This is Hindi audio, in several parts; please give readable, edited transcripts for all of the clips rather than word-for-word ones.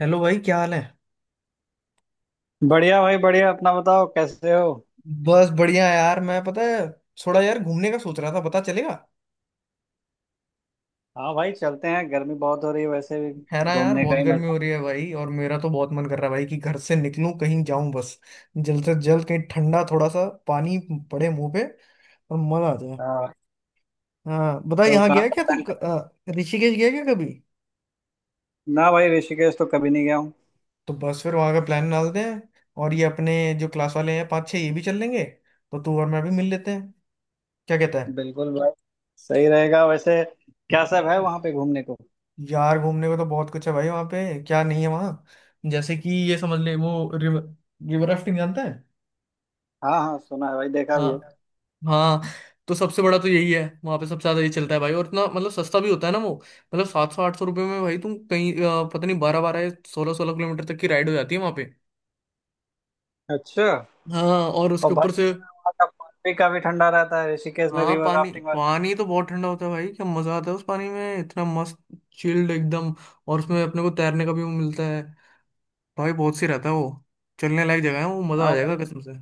हेलो भाई, क्या हाल है। बढ़िया भाई बढ़िया। अपना बताओ, कैसे हो। बस बढ़िया यार, मैं पता है। थोड़ा यार घूमने का सोच रहा था, पता चलेगा। हाँ भाई, चलते हैं। गर्मी बहुत हो रही है वैसे भी। है ना यार, घूमने का बहुत ही गर्मी मजा। हो रही है भाई, और मेरा तो बहुत मन कर रहा है भाई कि घर से निकलूं कहीं जाऊं बस। जल्द से जल्द कहीं ठंडा थोड़ा सा पानी पड़े मुंह पे और मजा आ जाए। हाँ। हाँ बता, तो यहाँ कहाँ गया का क्या तू plan कर- ऋषिकेश गया क्या कभी। ना भाई, ऋषिकेश तो कभी नहीं गया हूँ। तो बस फिर वहां का प्लान डालते हैं। और ये अपने जो क्लास वाले हैं पाँच छः, ये भी चल लेंगे, तो तू और मैं भी मिल लेते हैं। क्या कहता। बिल्कुल भाई। सही रहेगा वैसे। क्या सब है है वहाँ पे घूमने को। यार, घूमने को तो बहुत कुछ है भाई वहाँ पे। क्या नहीं है वहाँ। जैसे कि ये समझ ले वो रिवर रिवर राफ्टिंग जानता है। हाँ हाँ, सुना है भाई, देखा भी है। हाँ हाँ। तो सबसे बड़ा तो यही है वहाँ पे, सबसे ज्यादा ये चलता है भाई। और इतना मतलब सस्ता भी होता है ना वो। मतलब 700-800 रुपये में भाई तुम कहीं पता नहीं 12-12 16-16 किलोमीटर तक की राइड हो जाती है वहाँ पे। अच्छा। हाँ, और और उसके भाई, ऊपर से। वहाँ का पानी भी काफी ठंडा रहता है ऋषिकेश में, हाँ, रिवर पानी राफ्टिंग वाला। पानी तो बहुत ठंडा होता है भाई, क्या मजा आता है उस पानी में, इतना मस्त चिल्ड एकदम। और उसमें अपने को तैरने का भी वो मिलता है भाई, बहुत सी रहता है वो। चलने लायक जगह है वो, मजा आ हाँ जाएगा भाई। कसम से।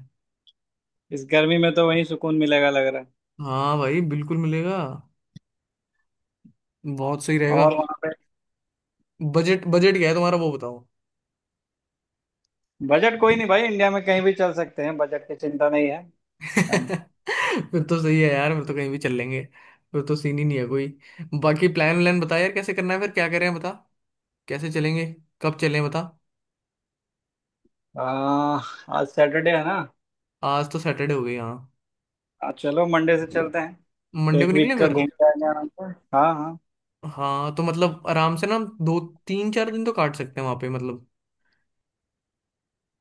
इस गर्मी में तो वहीं सुकून मिलेगा लग रहा है। हाँ भाई बिल्कुल मिलेगा, बहुत सही रहेगा। और वहाँ पे बजट बजट क्या है तुम्हारा, वो बताओ। बजट कोई नहीं भाई, इंडिया में कहीं भी चल सकते हैं, बजट की चिंता नहीं है। हाँ। फिर तो सही है यार, फिर तो कहीं भी चल लेंगे। फिर तो सीन ही नहीं है कोई। बाकी प्लान व्लान बता यार, कैसे करना है, फिर क्या करें बता। कैसे चलेंगे, कब चलें बता। आ, आज सैटरडे है ना। आज तो सैटरडे हो गई, हाँ। हाँ चलो, मंडे से चलते हैं। मंडे को एक निकले वीक का फिर। घूम ठीक के आएंगे आराम से। हाँ हाँ। हाँ, तो मतलब आराम से ना, हम दो तीन चार दिन तो काट सकते हैं वहां पे मतलब,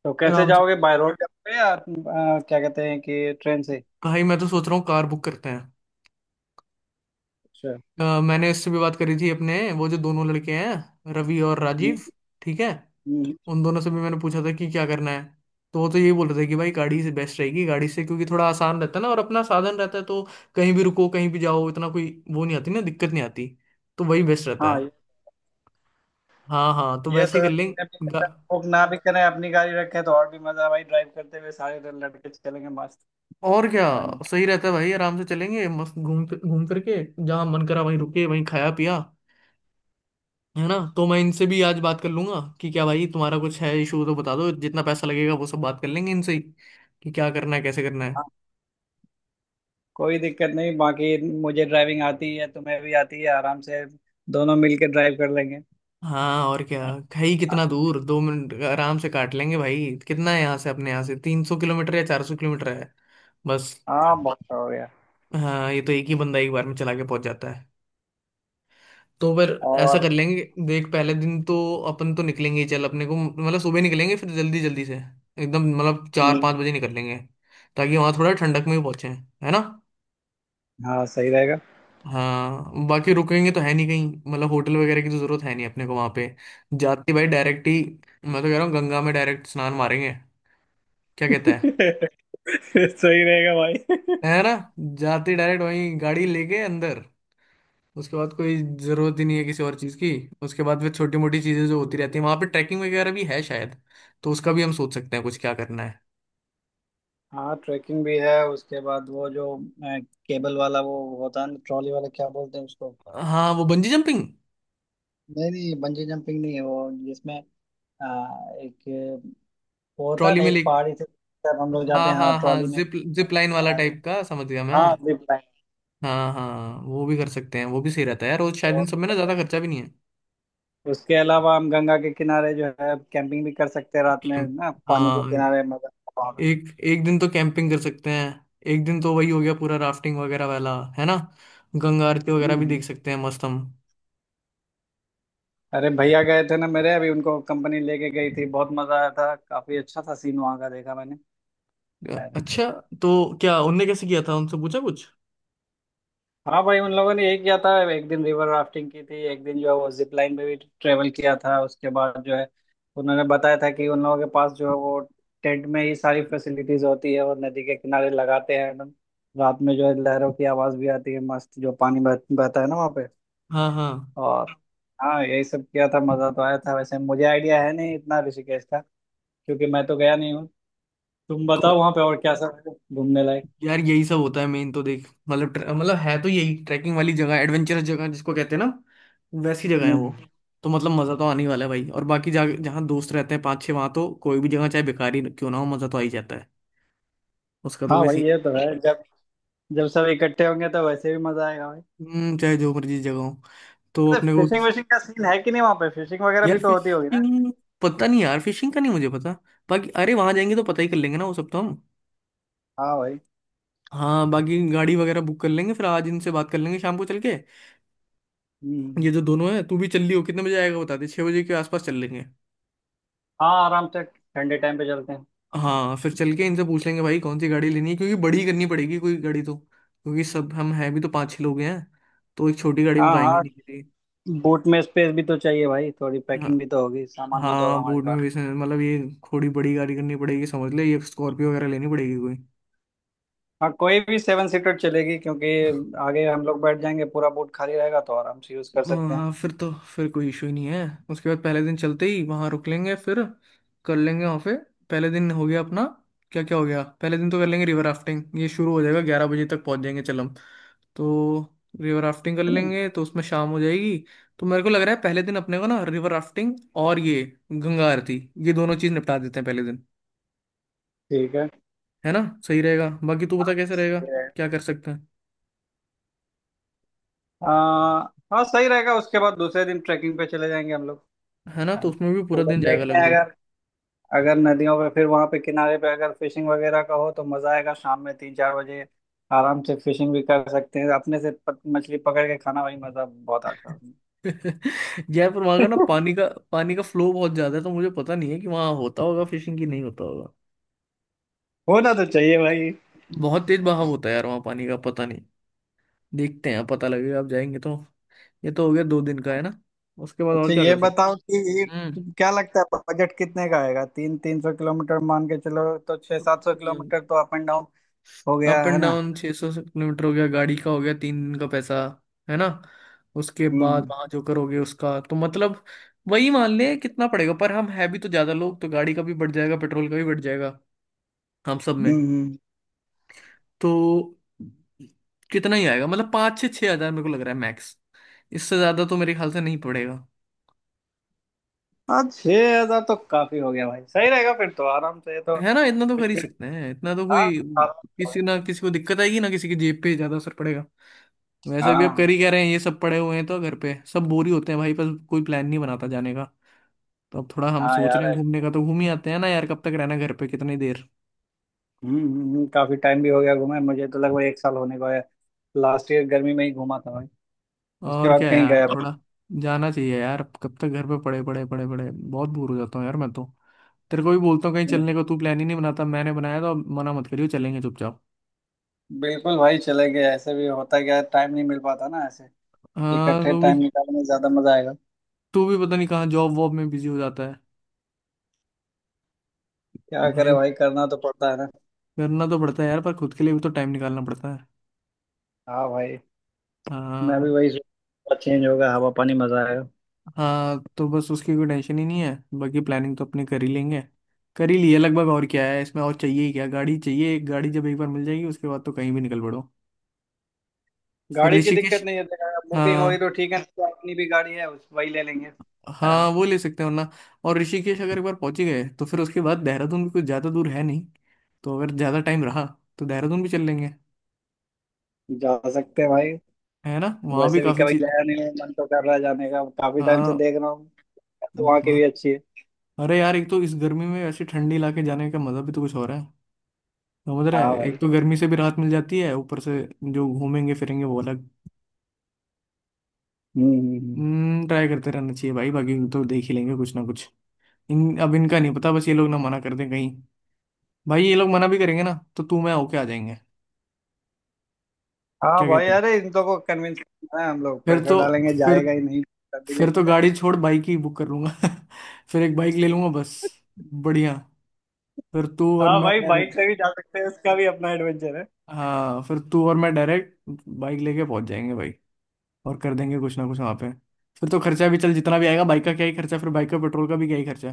तो कैसे आराम से। जाओगे, बाय रोड जाओगे या क्या कहते हैं, कि ट्रेन से। भाई मैं तो सोच रहा हूँ कार बुक करते हैं। अच्छा। मैंने इससे भी बात करी थी अपने, वो जो दोनों लड़के हैं रवि और हम्म। राजीव। ठीक है। हम्म। उन दोनों से भी मैंने पूछा था कि क्या करना है, तो वो तो यही बोल रहे थे कि भाई गाड़ी से बेस्ट रहेगी, गाड़ी से क्योंकि थोड़ा आसान रहता है ना, और अपना साधन रहता है, तो कहीं भी रुको कहीं भी जाओ, इतना कोई वो नहीं आती ना, दिक्कत नहीं आती। तो वही बेस्ट रहता हाँ है। हाँ हाँ, तो ये वैसे तो ही कर लेंगे। गा- बुक ना भी करें, अपनी गाड़ी रखें तो और भी मजा है भाई, ड्राइव करते हुए सारे दिन लड़के चलेंगे मस्त। और क्या। है ना। सही रहता है भाई, आराम से चलेंगे मस्त घूम घूम करके, जहाँ मन करा वहीं रुके वहीं खाया पिया। है ना, तो मैं इनसे भी आज बात कर लूंगा कि क्या भाई, तुम्हारा कुछ है इशू तो बता दो, जितना पैसा लगेगा वो सब बात कर लेंगे इनसे ही, कि क्या करना है कैसे करना है। हाँ, कोई दिक्कत नहीं, बाकी मुझे ड्राइविंग आती है, तुम्हें भी आती है, आराम से दोनों मिलके ड्राइव कर लेंगे। हाँ, और क्या। खाई कितना दूर, 2 मिनट आराम से काट लेंगे भाई। कितना है यहाँ से, अपने यहाँ से 300 किलोमीटर या 400 किलोमीटर है बस। हाँ बहुत हो गया। हाँ, ये तो एक ही बंदा एक बार में चला के पहुंच जाता है। तो फिर ऐसा कर और। लेंगे, देख पहले दिन तो अपन तो निकलेंगे ही, चल अपने को मतलब सुबह निकलेंगे फिर जल्दी जल्दी से, एकदम मतलब चार हम्म। पाँच बजे निकल लेंगे, ताकि वहां थोड़ा ठंडक में भी पहुंचे है ना। हाँ सही रहेगा। हाँ बाकी रुकेंगे तो है नहीं कहीं, मतलब होटल वगैरह की तो जरूरत है नहीं अपने को वहां पे, जाते भाई डायरेक्ट ही। मैं तो कह रहा हूँ गंगा में डायरेक्ट स्नान मारेंगे, क्या कहता है। सही रहेगा भाई। है ना। जाते डायरेक्ट वहीं गाड़ी लेके अंदर। उसके बाद कोई जरूरत ही नहीं है किसी और चीज की। उसके बाद फिर छोटी मोटी चीजें जो होती रहती है वहां पे, ट्रैकिंग वगैरह भी है शायद, तो उसका भी हम सोच सकते हैं कुछ क्या करना है। हाँ ट्रैकिंग भी है। उसके बाद वो जो केबल वाला वो होता है ना, ट्रॉली वाला, क्या बोलते हैं उसको। हाँ वो बंजी जंपिंग। नहीं नहीं, बंजी जंपिंग नहीं है, वो जिसमें एक वो होता है ट्रॉली ना, में एक ले। पहाड़ी से तब हम लोग जाते हाँ हैं, हाँ हाँ हाँ, ट्रॉली में। जिप जिप लाइन वाला सारे। टाइप का, समझ गया मैं। हाँ, जिप हाँ हाँ, वो भी कर सकते हैं, वो भी सही रहता है यार, और शायद इन सब में ना ज्यादा लाइन। खर्चा भी नहीं है। उसके अलावा हम गंगा के किनारे जो है कैंपिंग भी कर सकते हैं रात में कैंप। ना, पानी के हाँ, किनारे मजा आता है। एक एक दिन तो कैंपिंग कर सकते हैं। एक दिन तो वही हो गया पूरा राफ्टिंग वगैरह वाला, है ना। गंगा आरती वगैरह भी हम्म। देख सकते हैं मस्त हम। अरे भैया गए थे ना मेरे, अभी उनको कंपनी लेके गई थी, बहुत मजा आया था, काफी अच्छा था, सीन वहाँ का देखा मैंने। अरे। अच्छा, तो क्या उनने कैसे किया था, उनसे पूछा कुछ। हाँ भाई, उन लोगों ने यही किया था, एक दिन रिवर राफ्टिंग की थी, एक दिन जो है वो जिप लाइन पे भी ट्रेवल किया था। उसके बाद जो है उन्होंने बताया था कि उन लोगों के पास जो है वो टेंट में ही सारी फैसिलिटीज होती है, वो नदी के किनारे लगाते हैं एकदम। रात में जो है लहरों की आवाज भी आती है मस्त, जो पानी बहता है ना वहाँ पे। हाँ हाँ। और हाँ यही सब किया था, मजा तो आया था, वैसे मुझे आइडिया है नहीं इतना ऋषिकेश का, क्योंकि मैं तो गया नहीं हूँ। तुम बताओ वहाँ पे और क्या सब है घूमने लायक। यार यही सब होता है मेन तो, देख मतलब मतलब है तो यही ट्रैकिंग वाली जगह, एडवेंचरस जगह जिसको कहते हैं ना, वैसी जगह है वो। हम्म। तो मतलब मज़ा तो आने ही वाला है भाई। और बाकी जा जहाँ दोस्त रहते हैं पाँच छः, वहाँ तो कोई भी जगह चाहे बेकार ही क्यों ना हो, मज़ा तो आ ही जाता है, उसका तो हाँ कोई भाई सीन ही ये तो है, जब जब सब इकट्ठे होंगे तो वैसे भी मजा आएगा भाई। नहीं। चाहे जो मर्जी जगह हो तो तो अपने को। फिशिंग विशिंग का सीन है कि नहीं वहाँ पे, फिशिंग वगैरह यार भी तो होती होगी ना। फिशिंग, पता नहीं यार फिशिंग का नहीं मुझे पता। बाकी अरे वहाँ जाएंगे तो पता ही कर लेंगे ना वो सब तो हम। हाँ भाई। हाँ, बाकी गाड़ी वगैरह बुक कर लेंगे फिर, आज इनसे बात कर लेंगे शाम को चल के, ये हम्म। जो दोनों है, तू भी चल लियो, कितने बजे आएगा बता दे, 6 बजे के आसपास चल लेंगे। हाँ, आराम से ठंडे टाइम पे चलते हैं। हाँ, फिर चल के इनसे पूछ लेंगे भाई कौन सी गाड़ी लेनी है, क्योंकि बड़ी करनी पड़ेगी कोई गाड़ी तो, क्योंकि सब हम हैं भी तो 5-6 लोग हैं, तो एक छोटी गाड़ी में तो हाँ आएंगे हाँ। नहीं किसी। बोट में स्पेस भी तो चाहिए भाई, थोड़ी हाँ पैकिंग भी तो होगी, सामान भी तो होगा हाँ, हमारे बोर्ड पास। में भी मतलब ये थोड़ी बड़ी गाड़ी करनी पड़ेगी, समझ ले ये स्कॉर्पियो वगैरह लेनी पड़ेगी कोई। हाँ, कोई भी 7 सीटर चलेगी, क्योंकि आगे हम लोग बैठ जाएंगे, पूरा बोट खाली रहेगा तो आराम से यूज कर हाँ सकते हैं। हाँ, फिर तो फिर कोई इशू ही नहीं है। उसके बाद पहले दिन चलते ही वहां रुक लेंगे फिर, कर लेंगे वहां पे। पहले दिन हो गया अपना, क्या क्या हो गया पहले दिन तो, कर लेंगे रिवर राफ्टिंग, ये शुरू हो जाएगा, 11 बजे तक पहुंच जाएंगे चल हम, तो रिवर राफ्टिंग कर लेंगे तो उसमें शाम हो जाएगी। तो मेरे को लग रहा है पहले दिन अपने को ना रिवर राफ्टिंग और ये गंगा आरती, ये दोनों चीज निपटा देते हैं पहले दिन। ठीक है ना, सही रहेगा, बाकी तू बता कैसे रहेगा, है। क्या कर सकते हैं। हाँ हाँ, सही रहेगा। उसके बाद दूसरे दिन ट्रैकिंग पे चले जाएंगे हम लोग। है ना, है तो ना। उसमें भी तो पूरा उधर दिन जाएगा देखते हैं, लगभग। अगर अगर नदियों पे फिर वहाँ पे किनारे पे अगर फिशिंग वगैरह का हो तो मजा आएगा। शाम में 3-4 बजे आराम से फिशिंग भी कर सकते हैं, अपने से मछली पकड़ के खाना भाई, मजा बहुत आता है उसमें। जयपुर वहां का ना पानी का, पानी का फ्लो बहुत ज्यादा है तो मुझे पता नहीं है कि वहां होता होगा फिशिंग की नहीं होता होगा। होना तो चाहिए भाई। बहुत तेज बहाव होता है यार वहां पानी का, पता नहीं, देखते हैं पता लगेगा आप जाएंगे तो। ये तो हो गया 2 दिन का, है ना। उसके बाद और अच्छा क्या ये कर बताओ सकते। कि ये हम्म। क्या लगता है बजट कितने का आएगा। 300-300 किलोमीटर मान के चलो, तो 600-700 किलोमीटर तो अप एंड डाउन हो गया अप है एंड ना। डाउन 600 किलोमीटर हो गया, गाड़ी का हो गया 3 दिन का पैसा, है ना। उसके बाद हम्म वहां जो करोगे उसका तो मतलब वही मान ले कितना पड़ेगा, पर हम है भी तो ज्यादा लोग, तो गाड़ी का भी बढ़ जाएगा पेट्रोल का भी बढ़ जाएगा हम सब में। हम्म। हम्म। तो कितना ही आएगा, मतलब 5-6 हजार मेरे को लग रहा है मैक्स, इससे ज्यादा तो मेरे ख्याल से नहीं पड़ेगा। हाँ, 6,000 तो काफी हो गया भाई, सही रहेगा फिर तो, आराम से, ये तो है ना, इतना तो कुछ कर ही भी। सकते हैं, इतना तो हाँ कोई हाँ। किसी ना किसी को दिक्कत आएगी ना, किसी की जेब पे ज्यादा असर पड़ेगा। वैसे भी अब कर हाँ। ही कह रहे हैं, ये सब पड़े हुए हैं तो घर पे सब बोर ही होते हैं भाई, पर कोई प्लान नहीं बनाता जाने का। तो अब थोड़ा हम हाँ सोच रहे हैं यार। घूमने का, तो घूम ही आते हैं ना यार, कब तक रहना घर पे कितनी देर। काफी टाइम भी हो गया घूमे, मुझे तो लगभग एक साल होने को है, लास्ट ईयर गर्मी में ही घूमा था भाई, उसके और बाद क्या कहीं यार, गया भी थोड़ा जाना चाहिए यार, अब कब तक घर पे पड़े पड़े पड़े पड़े, बहुत बोर हो जाता हूँ यार मैं तो। तेरे को भी बोलता हूँ कहीं नहीं। चलने को, तू प्लान ही नहीं बनाता, मैंने बनाया तो अब मना मत करियो, चलेंगे चुपचाप। बिल्कुल भाई चले गए, ऐसे भी होता क्या है, टाइम नहीं मिल पाता ना ऐसे, हाँ इकट्ठे तू भी, टाइम निकालने में ज्यादा मजा आएगा। तू भी पता नहीं कहाँ जॉब वॉब में बिजी हो जाता है। क्या करे भाई भाई, करना तो पड़ता है ना। करना तो पड़ता है यार, पर खुद के लिए भी तो टाइम निकालना पड़ता है। हाँ भाई। मैं भी हाँ। वही सोच, चेंज होगा हवा पानी, मजा आएगा। हाँ, तो बस उसकी कोई टेंशन ही नहीं है, बाकी प्लानिंग तो अपने कर ही लेंगे, कर ही लिए लगभग और क्या है इसमें, और चाहिए ही क्या, गाड़ी चाहिए, एक गाड़ी जब एक बार मिल जाएगी, उसके बाद तो कहीं भी निकल पड़ो। फिर गाड़ी की दिक्कत ऋषिकेश, नहीं है, अगर बुकिंग होगी हाँ तो ठीक है, नहीं तो अपनी भी गाड़ी है उस वही ले लेंगे। हाँ हाँ। वो ले सकते हैं वरना। और ऋषिकेश अगर एक बार पहुंच ही गए तो फिर उसके बाद देहरादून भी कुछ ज़्यादा दूर है नहीं, तो अगर ज़्यादा टाइम रहा तो देहरादून भी चल लेंगे। जा सकते हैं भाई। है ना, वहाँ भी वैसे भी काफ़ी कभी चीज। गया नहीं हूँ, मन तो कर रहा है जाने का, काफी टाइम से हाँ, देख रहा हूँ, तो वहाँ की भी वाह। अच्छी है। अरे यार, एक तो इस गर्मी में ऐसे ठंडी इलाके जाने का मज़ा भी तो कुछ हो रहा है, समझ रहा है, हाँ एक भाई। तो गर्मी से भी राहत मिल जाती है, ऊपर से जो घूमेंगे फिरेंगे वो अलग। हम्म हम्म, हम्म। ट्राई करते रहना चाहिए भाई, बाकी तो देख ही लेंगे कुछ ना कुछ। इन अब इनका नहीं पता बस, ये लोग ना मना कर दें कहीं, भाई ये लोग मना भी करेंगे ना तो तू मैं होके आ जाएंगे, हाँ क्या भाई, कहते हैं। अरे इन लोगों को कन्विंस करना है, हम लोग फिर प्रेशर तो, डालेंगे, फिर जाएगा ही नहीं, तभी फिर लेके तो गाड़ी जाएंगे। छोड़ बाइक ही बुक कर लूंगा। फिर एक बाइक ले लूंगा बस, बढ़िया, फिर तू और हाँ मैं भाई, बाइक डायरेक्ट। से भी जा सकते हैं, उसका भी अपना एडवेंचर है। हाँ फिर तू और मैं डायरेक्ट बाइक लेके पहुंच जाएंगे भाई, और कर देंगे कुछ ना कुछ वहां पे। फिर तो खर्चा भी चल, जितना भी आएगा, बाइक का क्या ही खर्चा, फिर बाइक का पेट्रोल का भी क्या ही खर्चा,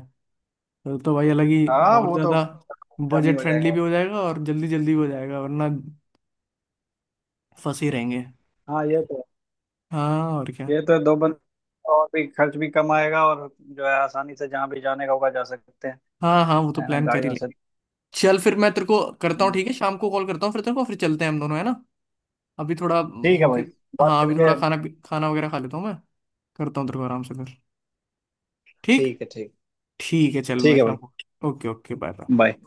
फिर तो भाई अलग ही, हाँ और वो तो ज्यादा कम ही बजट हो जाएगा फ्रेंडली भी भाई। हो जाएगा और जल्दी जल्दी भी हो जाएगा, वरना फंसे ही रहेंगे। हाँ ये तो, हाँ, और क्या। ये तो दो बंदे और, भी खर्च भी कम आएगा, और जो है आसानी से जहाँ भी जाने का होगा जा सकते हैं। हाँ हाँ वो तो है ना प्लान कर ही गाड़ियों से। लेंगे। चल फिर मैं तेरे को करता हूँ, हम्म, ठीक है, शाम को कॉल करता हूँ फिर तेरे को, फिर चलते हैं हम दोनों, है ना, अभी थोड़ा ठीक है होके। भाई, बात हाँ, अभी करके। थोड़ा खाना खाना वगैरह खा लेता हूँ मैं, करता हूँ तेरे को आराम से फिर। ठीक। ठीक है, ठीक। ठीक है चल, ठीक मैं है शाम भाई। को। Okay okay, bye. बाय।